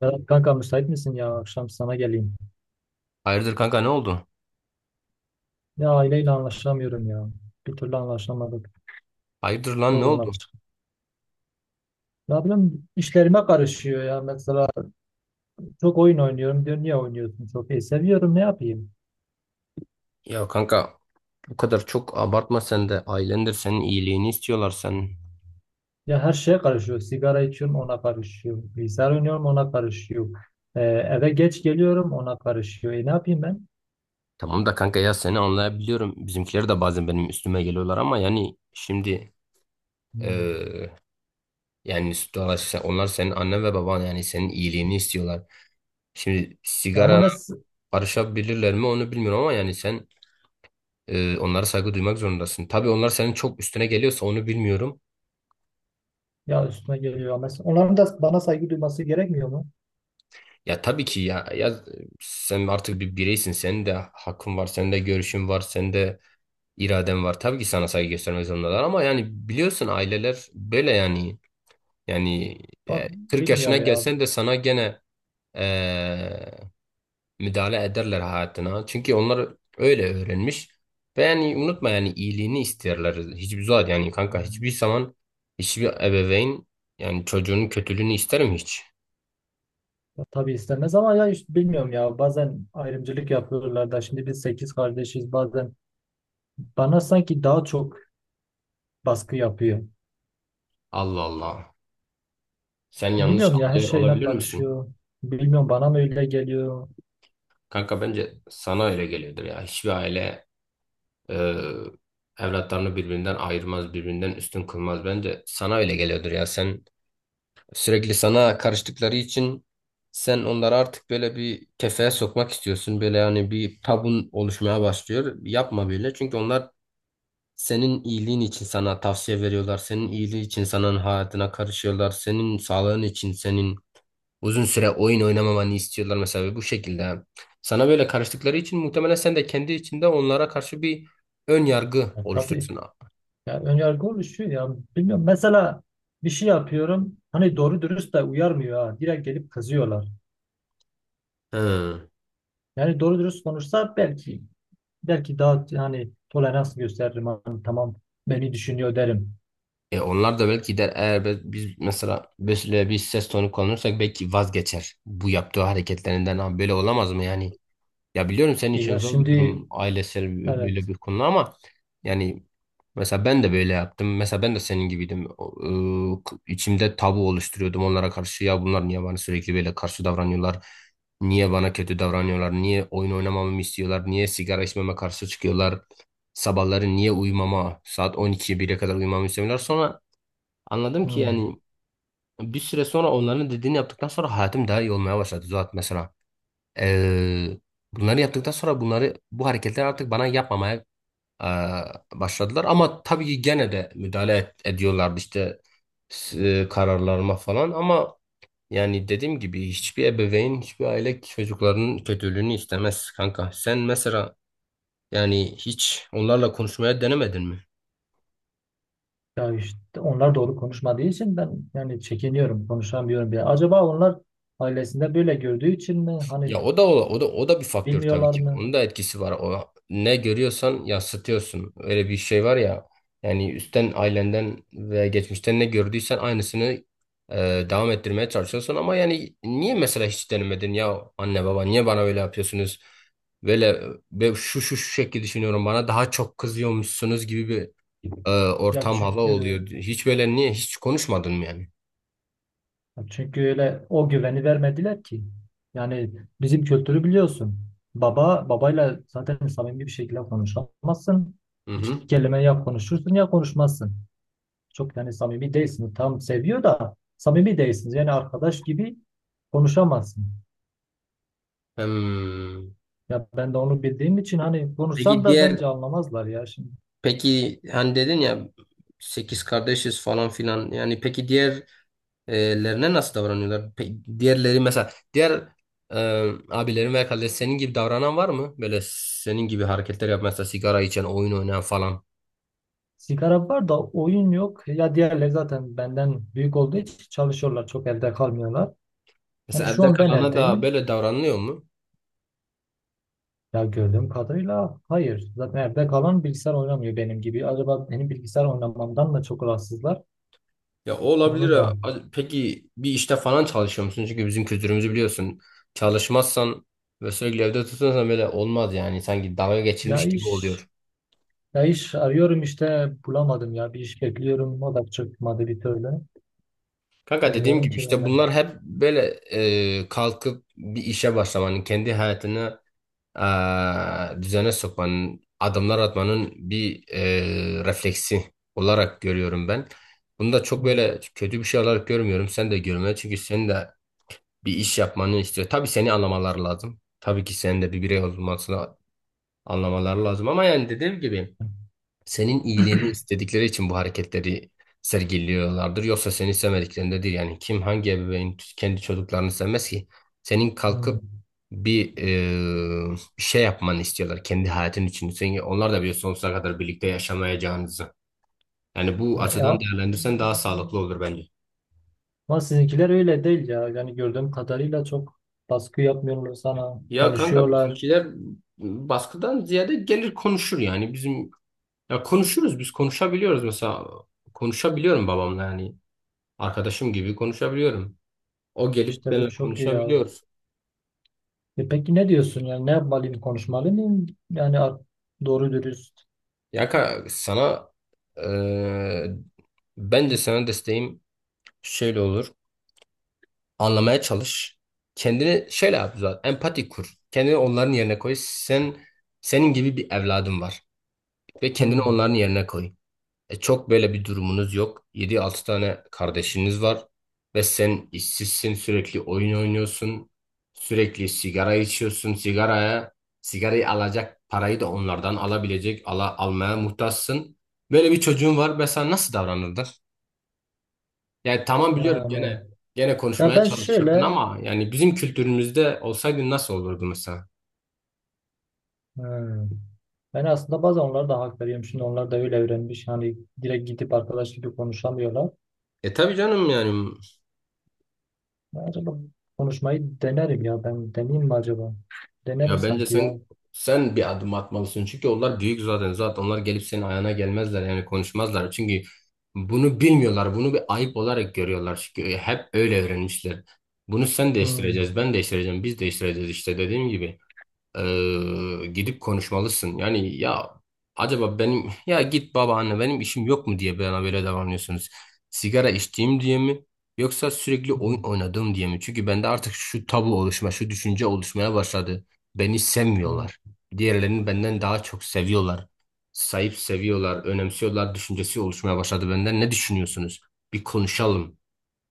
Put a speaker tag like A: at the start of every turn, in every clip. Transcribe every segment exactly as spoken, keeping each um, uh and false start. A: Berat kanka müsait misin ya? Akşam sana geleyim.
B: Hayırdır kanka ne oldu?
A: Ya aileyle anlaşamıyorum ya. Bir türlü anlaşamadık.
B: Hayırdır lan ne
A: Sorunlar
B: oldu?
A: çıktı. Ne bileyim işlerime karışıyor ya. Mesela çok oyun oynuyorum diyor. Niye oynuyorsun çok? E seviyorum, ne yapayım?
B: Ya kanka bu kadar çok abartma sen de ailendir senin iyiliğini istiyorlar sen.
A: Ya her şeye karışıyor. Sigara içiyorum, ona karışıyor. Bilgisayar oynuyorum, ona karışıyor. E, eve geç geliyorum, ona karışıyor. E ne yapayım ben?
B: Tamam da kanka ya seni anlayabiliyorum. Bizimkiler de bazen benim üstüme geliyorlar ama yani şimdi
A: Hmm.
B: eee, yani dolayısıyla onlar senin annen ve baban yani senin iyiliğini istiyorlar. Şimdi
A: Ya ama
B: sigarana
A: mes
B: karışabilirler mi onu bilmiyorum ama yani sen eee, onlara saygı duymak zorundasın. Tabii onlar senin çok üstüne geliyorsa onu bilmiyorum.
A: ya üstüne geliyor. Mes onların da bana saygı duyması gerekmiyor mu?
B: Ya tabii ki ya, ya sen artık bir bireysin. Senin de hakkın var, senin de görüşün var, senin de iraden var. Tabii ki sana saygı göstermek zorundalar ama yani biliyorsun aileler böyle yani. Yani e,
A: Ama
B: kırk yaşına
A: bilmiyorum ya.
B: gelsen de sana gene e, müdahale ederler hayatına. Çünkü onlar öyle öğrenmiş. Ve yani unutma yani iyiliğini isterler. Hiçbir zaman yani kanka hiçbir zaman hiçbir ebeveyn yani çocuğunun kötülüğünü ister mi hiç?
A: Ya tabii istemez, ama ya işte bilmiyorum ya, bazen ayrımcılık yapıyorlar da. Şimdi biz sekiz kardeşiz, bazen bana sanki daha çok baskı yapıyor.
B: Allah Allah. Sen yanlış
A: Bilmiyorum ya, her
B: anlıyor
A: şeyime
B: olabilir misin?
A: karışıyor. Bilmiyorum, bana mı öyle geliyor.
B: Kanka bence sana öyle geliyordur ya. Hiçbir aile e, evlatlarını birbirinden ayırmaz, birbirinden üstün kılmaz. Bence sana öyle geliyordur ya. Sen sürekli sana karıştıkları için sen onları artık böyle bir kefeye sokmak istiyorsun. Böyle yani bir tabun oluşmaya başlıyor. Yapma böyle. Çünkü onlar senin iyiliğin için sana tavsiye veriyorlar. Senin iyiliği için senin hayatına karışıyorlar. Senin sağlığın için, senin uzun süre oyun oynamamanı istiyorlar mesela bu şekilde. Sana böyle karıştıkları için muhtemelen sen de kendi içinde onlara karşı bir ön yargı
A: Ya tabii,
B: oluşturursun.
A: ya ön yargı oluşuyor ya, bilmiyorum. Mesela bir şey yapıyorum, hani doğru dürüst de uyarmıyor, ha direkt gelip kızıyorlar.
B: Hı.
A: Yani doğru dürüst konuşsa, belki belki daha hani tolerans gösteririm, hani tamam, beni düşünüyor derim.
B: E onlar da belki der eğer be- biz mesela böyle bir ses tonu kullanırsak belki vazgeçer bu yaptığı hareketlerinden. Abi böyle olamaz mı yani? Ya biliyorum senin
A: E
B: için
A: ya
B: zor bir
A: şimdi,
B: durum ailesel böyle
A: evet.
B: bir konu ama yani mesela ben de böyle yaptım. Mesela ben de senin gibiydim. O, e, k- İçimde tabu oluşturuyordum onlara karşı. Ya bunlar niye bana sürekli böyle karşı davranıyorlar? Niye bana kötü davranıyorlar? Niye oyun oynamamamı istiyorlar? Niye sigara içmeme karşı çıkıyorlar? Sabahları niye uyumama? Saat on ikiye bire kadar uyumamı istemiyorlar. Sonra anladım ki
A: Hmm.
B: yani bir süre sonra onların dediğini yaptıktan sonra hayatım daha iyi olmaya başladı. Zaten mesela Eee, bunları yaptıktan sonra bunları bu hareketler artık bana yapmamaya eee, başladılar. Ama tabii ki gene de müdahale et- ediyorlardı işte s- e, kararlarıma falan. Ama yani dediğim gibi hiçbir ebeveyn, hiçbir aile çocuklarının kötülüğünü istemez kanka. Sen mesela yani hiç onlarla konuşmaya denemedin mi?
A: Ya işte onlar doğru konuşmadığı için ben yani çekiniyorum, konuşamıyorum bile. Acaba onlar ailesinde böyle gördüğü için mi? Hani
B: Ya o da o, o da o da bir faktör tabii
A: bilmiyorlar
B: ki.
A: mı?
B: Onun da etkisi var. O ne görüyorsan yansıtıyorsun. Öyle bir şey var ya. Yani üstten ailenden ve geçmişten ne gördüysen aynısını e, devam ettirmeye çalışıyorsun ama yani niye mesela hiç denemedin ya anne baba niye bana öyle yapıyorsunuz? Böyle ve şu şu şu şekilde düşünüyorum bana daha çok kızıyormuşsunuz gibi bir e,
A: Ya
B: ortam hava
A: çünkü
B: oluyor. Hiç böyle niye hiç konuşmadın mı yani?
A: çünkü öyle o güveni vermediler ki. Yani bizim kültürü biliyorsun. Baba babayla zaten samimi bir şekilde konuşamazsın.
B: Hı hı.
A: İki kelime ya konuşursun ya konuşmazsın. Çok yani samimi değilsiniz. Tam seviyor da samimi değilsiniz. Yani arkadaş gibi konuşamazsın.
B: Hmm.
A: Ya ben de onu bildiğim için, hani konuşsam
B: Peki
A: da
B: diğer
A: bence anlamazlar ya şimdi.
B: Peki hani dedin ya sekiz kardeşiz falan filan yani peki diğerlerine nasıl davranıyorlar? Pe- diğerleri mesela diğer e, abilerin veya kardeş senin gibi davranan var mı? Böyle senin gibi hareketler yap mesela sigara içen, oyun oynayan falan.
A: Sigara var da oyun yok. Ya diğerleri zaten benden büyük olduğu için çalışıyorlar. Çok evde kalmıyorlar. Hani
B: Mesela
A: şu
B: evde
A: an ben
B: kalana da
A: evdeyim.
B: böyle davranılıyor mu?
A: Ya gördüğüm kadarıyla hayır. Zaten evde kalan bilgisayar oynamıyor benim gibi. Acaba benim bilgisayar oynamamdan da çok rahatsızlar.
B: Ya o olabilir.
A: Onu
B: Ya.
A: da.
B: A- Peki bir işte falan çalışıyor musun? Çünkü bizim kültürümüzü biliyorsun. Çalışmazsan ve sürekli evde tutunsan böyle olmaz yani. Sanki dalga
A: Ya
B: geçilmiş gibi
A: iş.
B: oluyor.
A: Ya iş arıyorum, işte bulamadım ya. Bir iş bekliyorum. O da çıkmadı bir türlü.
B: Kanka dediğim
A: Bilmiyorum
B: gibi
A: ki ben
B: işte
A: de.
B: bunlar hep böyle e, kalkıp bir işe başlamanın, kendi hayatını e, düzene sokmanın, adımlar atmanın bir e, refleksi olarak görüyorum ben. Bunu da çok
A: Hı.
B: böyle kötü bir şey olarak görmüyorum. Sen de görme çünkü senin de bir iş yapmanı istiyor. Tabii seni anlamaları lazım. Tabii ki senin de bir birey olmasını anlamaları lazım. Ama yani dediğim gibi. Senin iyiliğini istedikleri için bu hareketleri sergiliyorlardır. Yoksa seni sevmediklerinde değil. Yani kim hangi ebeveyn kendi çocuklarını sevmez ki? Senin
A: Hı.
B: kalkıp bir e, bir şey yapmanı istiyorlar kendi hayatın için. Sen, onlar da biliyor sonsuza kadar birlikte yaşamayacağınızı. Yani bu açıdan
A: Ya,
B: değerlendirsen daha sağlıklı olur bence.
A: ama sizinkiler öyle değil ya. Yani gördüğüm kadarıyla çok baskı yapmıyorlar sana.
B: Ya kanka
A: Konuşuyorlar.
B: bizimkiler baskıdan ziyade gelir konuşur yani. Bizim ya konuşuruz biz konuşabiliyoruz mesela. Konuşabiliyorum babamla yani. Arkadaşım gibi konuşabiliyorum. O gelip
A: İşte bu
B: benimle
A: çok iyi ya.
B: konuşabiliyor.
A: E peki ne diyorsun? Yani ne yapmalıyım? Konuşmalı mıyım? Yani ar- doğru dürüst.
B: Ya ka- sana eee bence sana desteğim şöyle olur. Anlamaya çalış. Kendini şöyle yap zaten. Empati kur. Kendini onların yerine koy. Sen senin gibi bir evladın var ve kendini
A: Hmm.
B: onların yerine koy. E, çok böyle bir durumunuz yok. Yedi altı tane kardeşiniz var ve sen işsizsin, sürekli oyun oynuyorsun. Sürekli sigara içiyorsun. Sigaraya sigarayı alacak parayı da onlardan alabilecek, ala, almaya muhtaçsın. Böyle bir çocuğun var ve sen nasıl davranırdın? Yani tamam biliyorum
A: Yani
B: gene gene
A: ya
B: konuşmaya
A: ben
B: çalışırdın
A: şöyle
B: ama yani bizim kültürümüzde olsaydın nasıl olurdu mesela?
A: hmm. Ben aslında bazen onlara da hak veriyorum. Şimdi onlar da öyle öğrenmiş. Hani direkt gidip arkadaş gibi konuşamıyorlar.
B: E tabii canım yani.
A: Ben acaba konuşmayı denerim ya. Ben deneyeyim mi acaba? Denerim
B: Ya bence
A: sanki ya.
B: sen sen bir adım atmalısın. Çünkü onlar büyük zaten. Zaten onlar gelip senin ayağına gelmezler yani konuşmazlar. Çünkü bunu bilmiyorlar. Bunu bir ayıp olarak görüyorlar. Çünkü e, hep öyle öğrenmişler. Bunu sen
A: Hmm.
B: değiştireceğiz, ben değiştireceğim, biz değiştireceğiz işte dediğim gibi. Ee, gidip konuşmalısın. Yani ya acaba benim ya git babaanne benim işim yok mu diye bana böyle davranıyorsunuz. Sigara içtiğim diye mi yoksa sürekli
A: Hmm.
B: oyun oynadığım diye mi? Çünkü bende artık şu tabu oluşma, şu düşünce oluşmaya başladı. Beni
A: Hmm.
B: sevmiyorlar. Diğerlerini benden daha çok seviyorlar. Sahip seviyorlar, önemsiyorlar düşüncesi oluşmaya başladı benden. Ne düşünüyorsunuz? Bir konuşalım.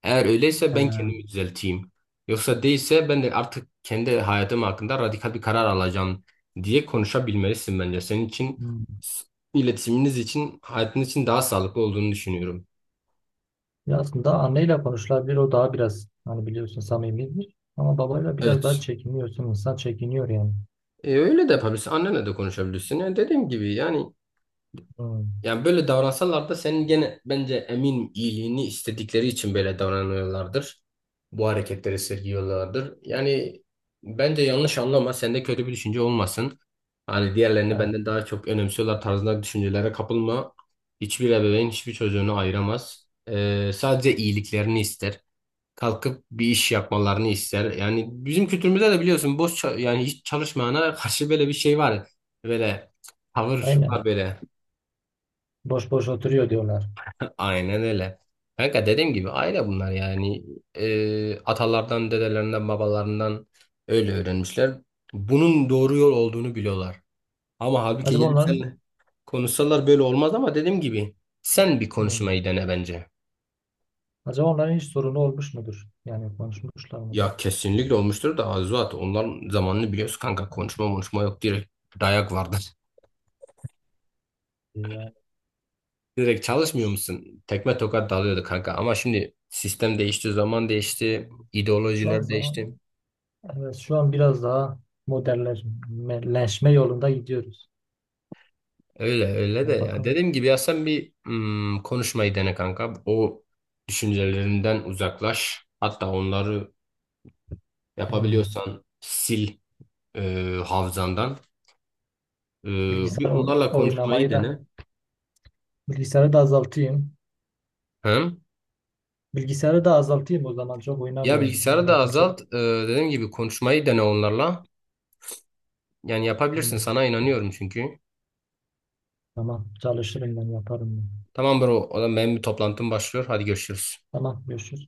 B: Eğer öyleyse ben kendimi
A: Ee,
B: düzelteyim. Yoksa değilse ben de artık kendi hayatım hakkında radikal bir karar alacağım diye konuşabilmelisin bence. Senin için
A: hmm.
B: s- iletişiminiz için, hayatın için daha sağlıklı olduğunu düşünüyorum.
A: Ya aslında anneyle konuşulabilir, o daha biraz hani biliyorsun samimidir. Ama babayla biraz daha
B: Evet.
A: çekiniyorsun. İnsan çekiniyor yani.
B: E, öyle de yapabilirsin. Annenle de konuşabilirsin. Yani dediğim gibi yani.
A: Hmm.
B: Yani böyle davransalar da senin gene bence emin iyiliğini istedikleri için böyle davranıyorlardır. Bu hareketleri sergiliyorlardır. Yani bence yanlış anlama, sende kötü bir düşünce olmasın. Hani diğerlerini
A: Ha,
B: benden daha çok önemsiyorlar tarzında düşüncelere kapılma. Hiçbir ebeveyn hiçbir çocuğunu ayıramaz. Ee, sadece iyiliklerini ister. Kalkıp bir iş yapmalarını ister. Yani bizim kültürümüzde de biliyorsun boş ça- yani hiç çalışmayana karşı böyle bir şey var. Böyle tavır
A: aynen.
B: var böyle.
A: Boş boş oturuyor diyorlar.
B: Aynen öyle. Kanka dediğim gibi aile bunlar yani. Ee, atalardan, dedelerinden, babalarından öyle öğrenmişler. Bunun doğru yol olduğunu biliyorlar. Ama halbuki
A: Acaba
B: gelip
A: onların
B: seninle konuşsalar böyle olmaz ama dediğim gibi sen bir
A: hmm,
B: konuşmayı dene bence.
A: acaba onların hiç sorunu olmuş mudur? Yani konuşmuşlar
B: Ya
A: mıdır?
B: kesinlikle olmuştur da Azuat onların zamanını biliyorsun kanka. Konuşma konuşma yok direkt dayak vardır.
A: Yani
B: Direkt çalışmıyor
A: konuş.
B: musun? Tekme tokat dalıyordu kanka ama şimdi sistem değişti, zaman değişti,
A: Şu an
B: ideolojiler değişti.
A: zaman evet, şu an biraz daha modernleşme yolunda gidiyoruz.
B: Öyle öyle de
A: Yani
B: ya.
A: bakın.
B: Dediğim gibi ya sen bir hmm, konuşmayı dene kanka. O düşüncelerinden uzaklaş. Hatta onları
A: Hmm.
B: yapabiliyorsan sil e, hafızandan. E, Bir
A: Bilgisayar o-
B: onlarla konuşmayı
A: oynamayı da,
B: dene.
A: bilgisayarı da azaltayım.
B: Hı?
A: Bilgisayarı da azaltayım, o zaman çok
B: Ya
A: oynamayayım.
B: bilgisayarı da
A: Onlarla çok
B: azalt. E, dediğim gibi konuşmayı dene onlarla. Yani yapabilirsin.
A: bilmiyorum.
B: Sana inanıyorum çünkü.
A: Tamam, çalışırım, ben yaparım ben.
B: Tamam bro. O zaman benim bir toplantım başlıyor. Hadi görüşürüz.
A: Tamam, görüşürüz.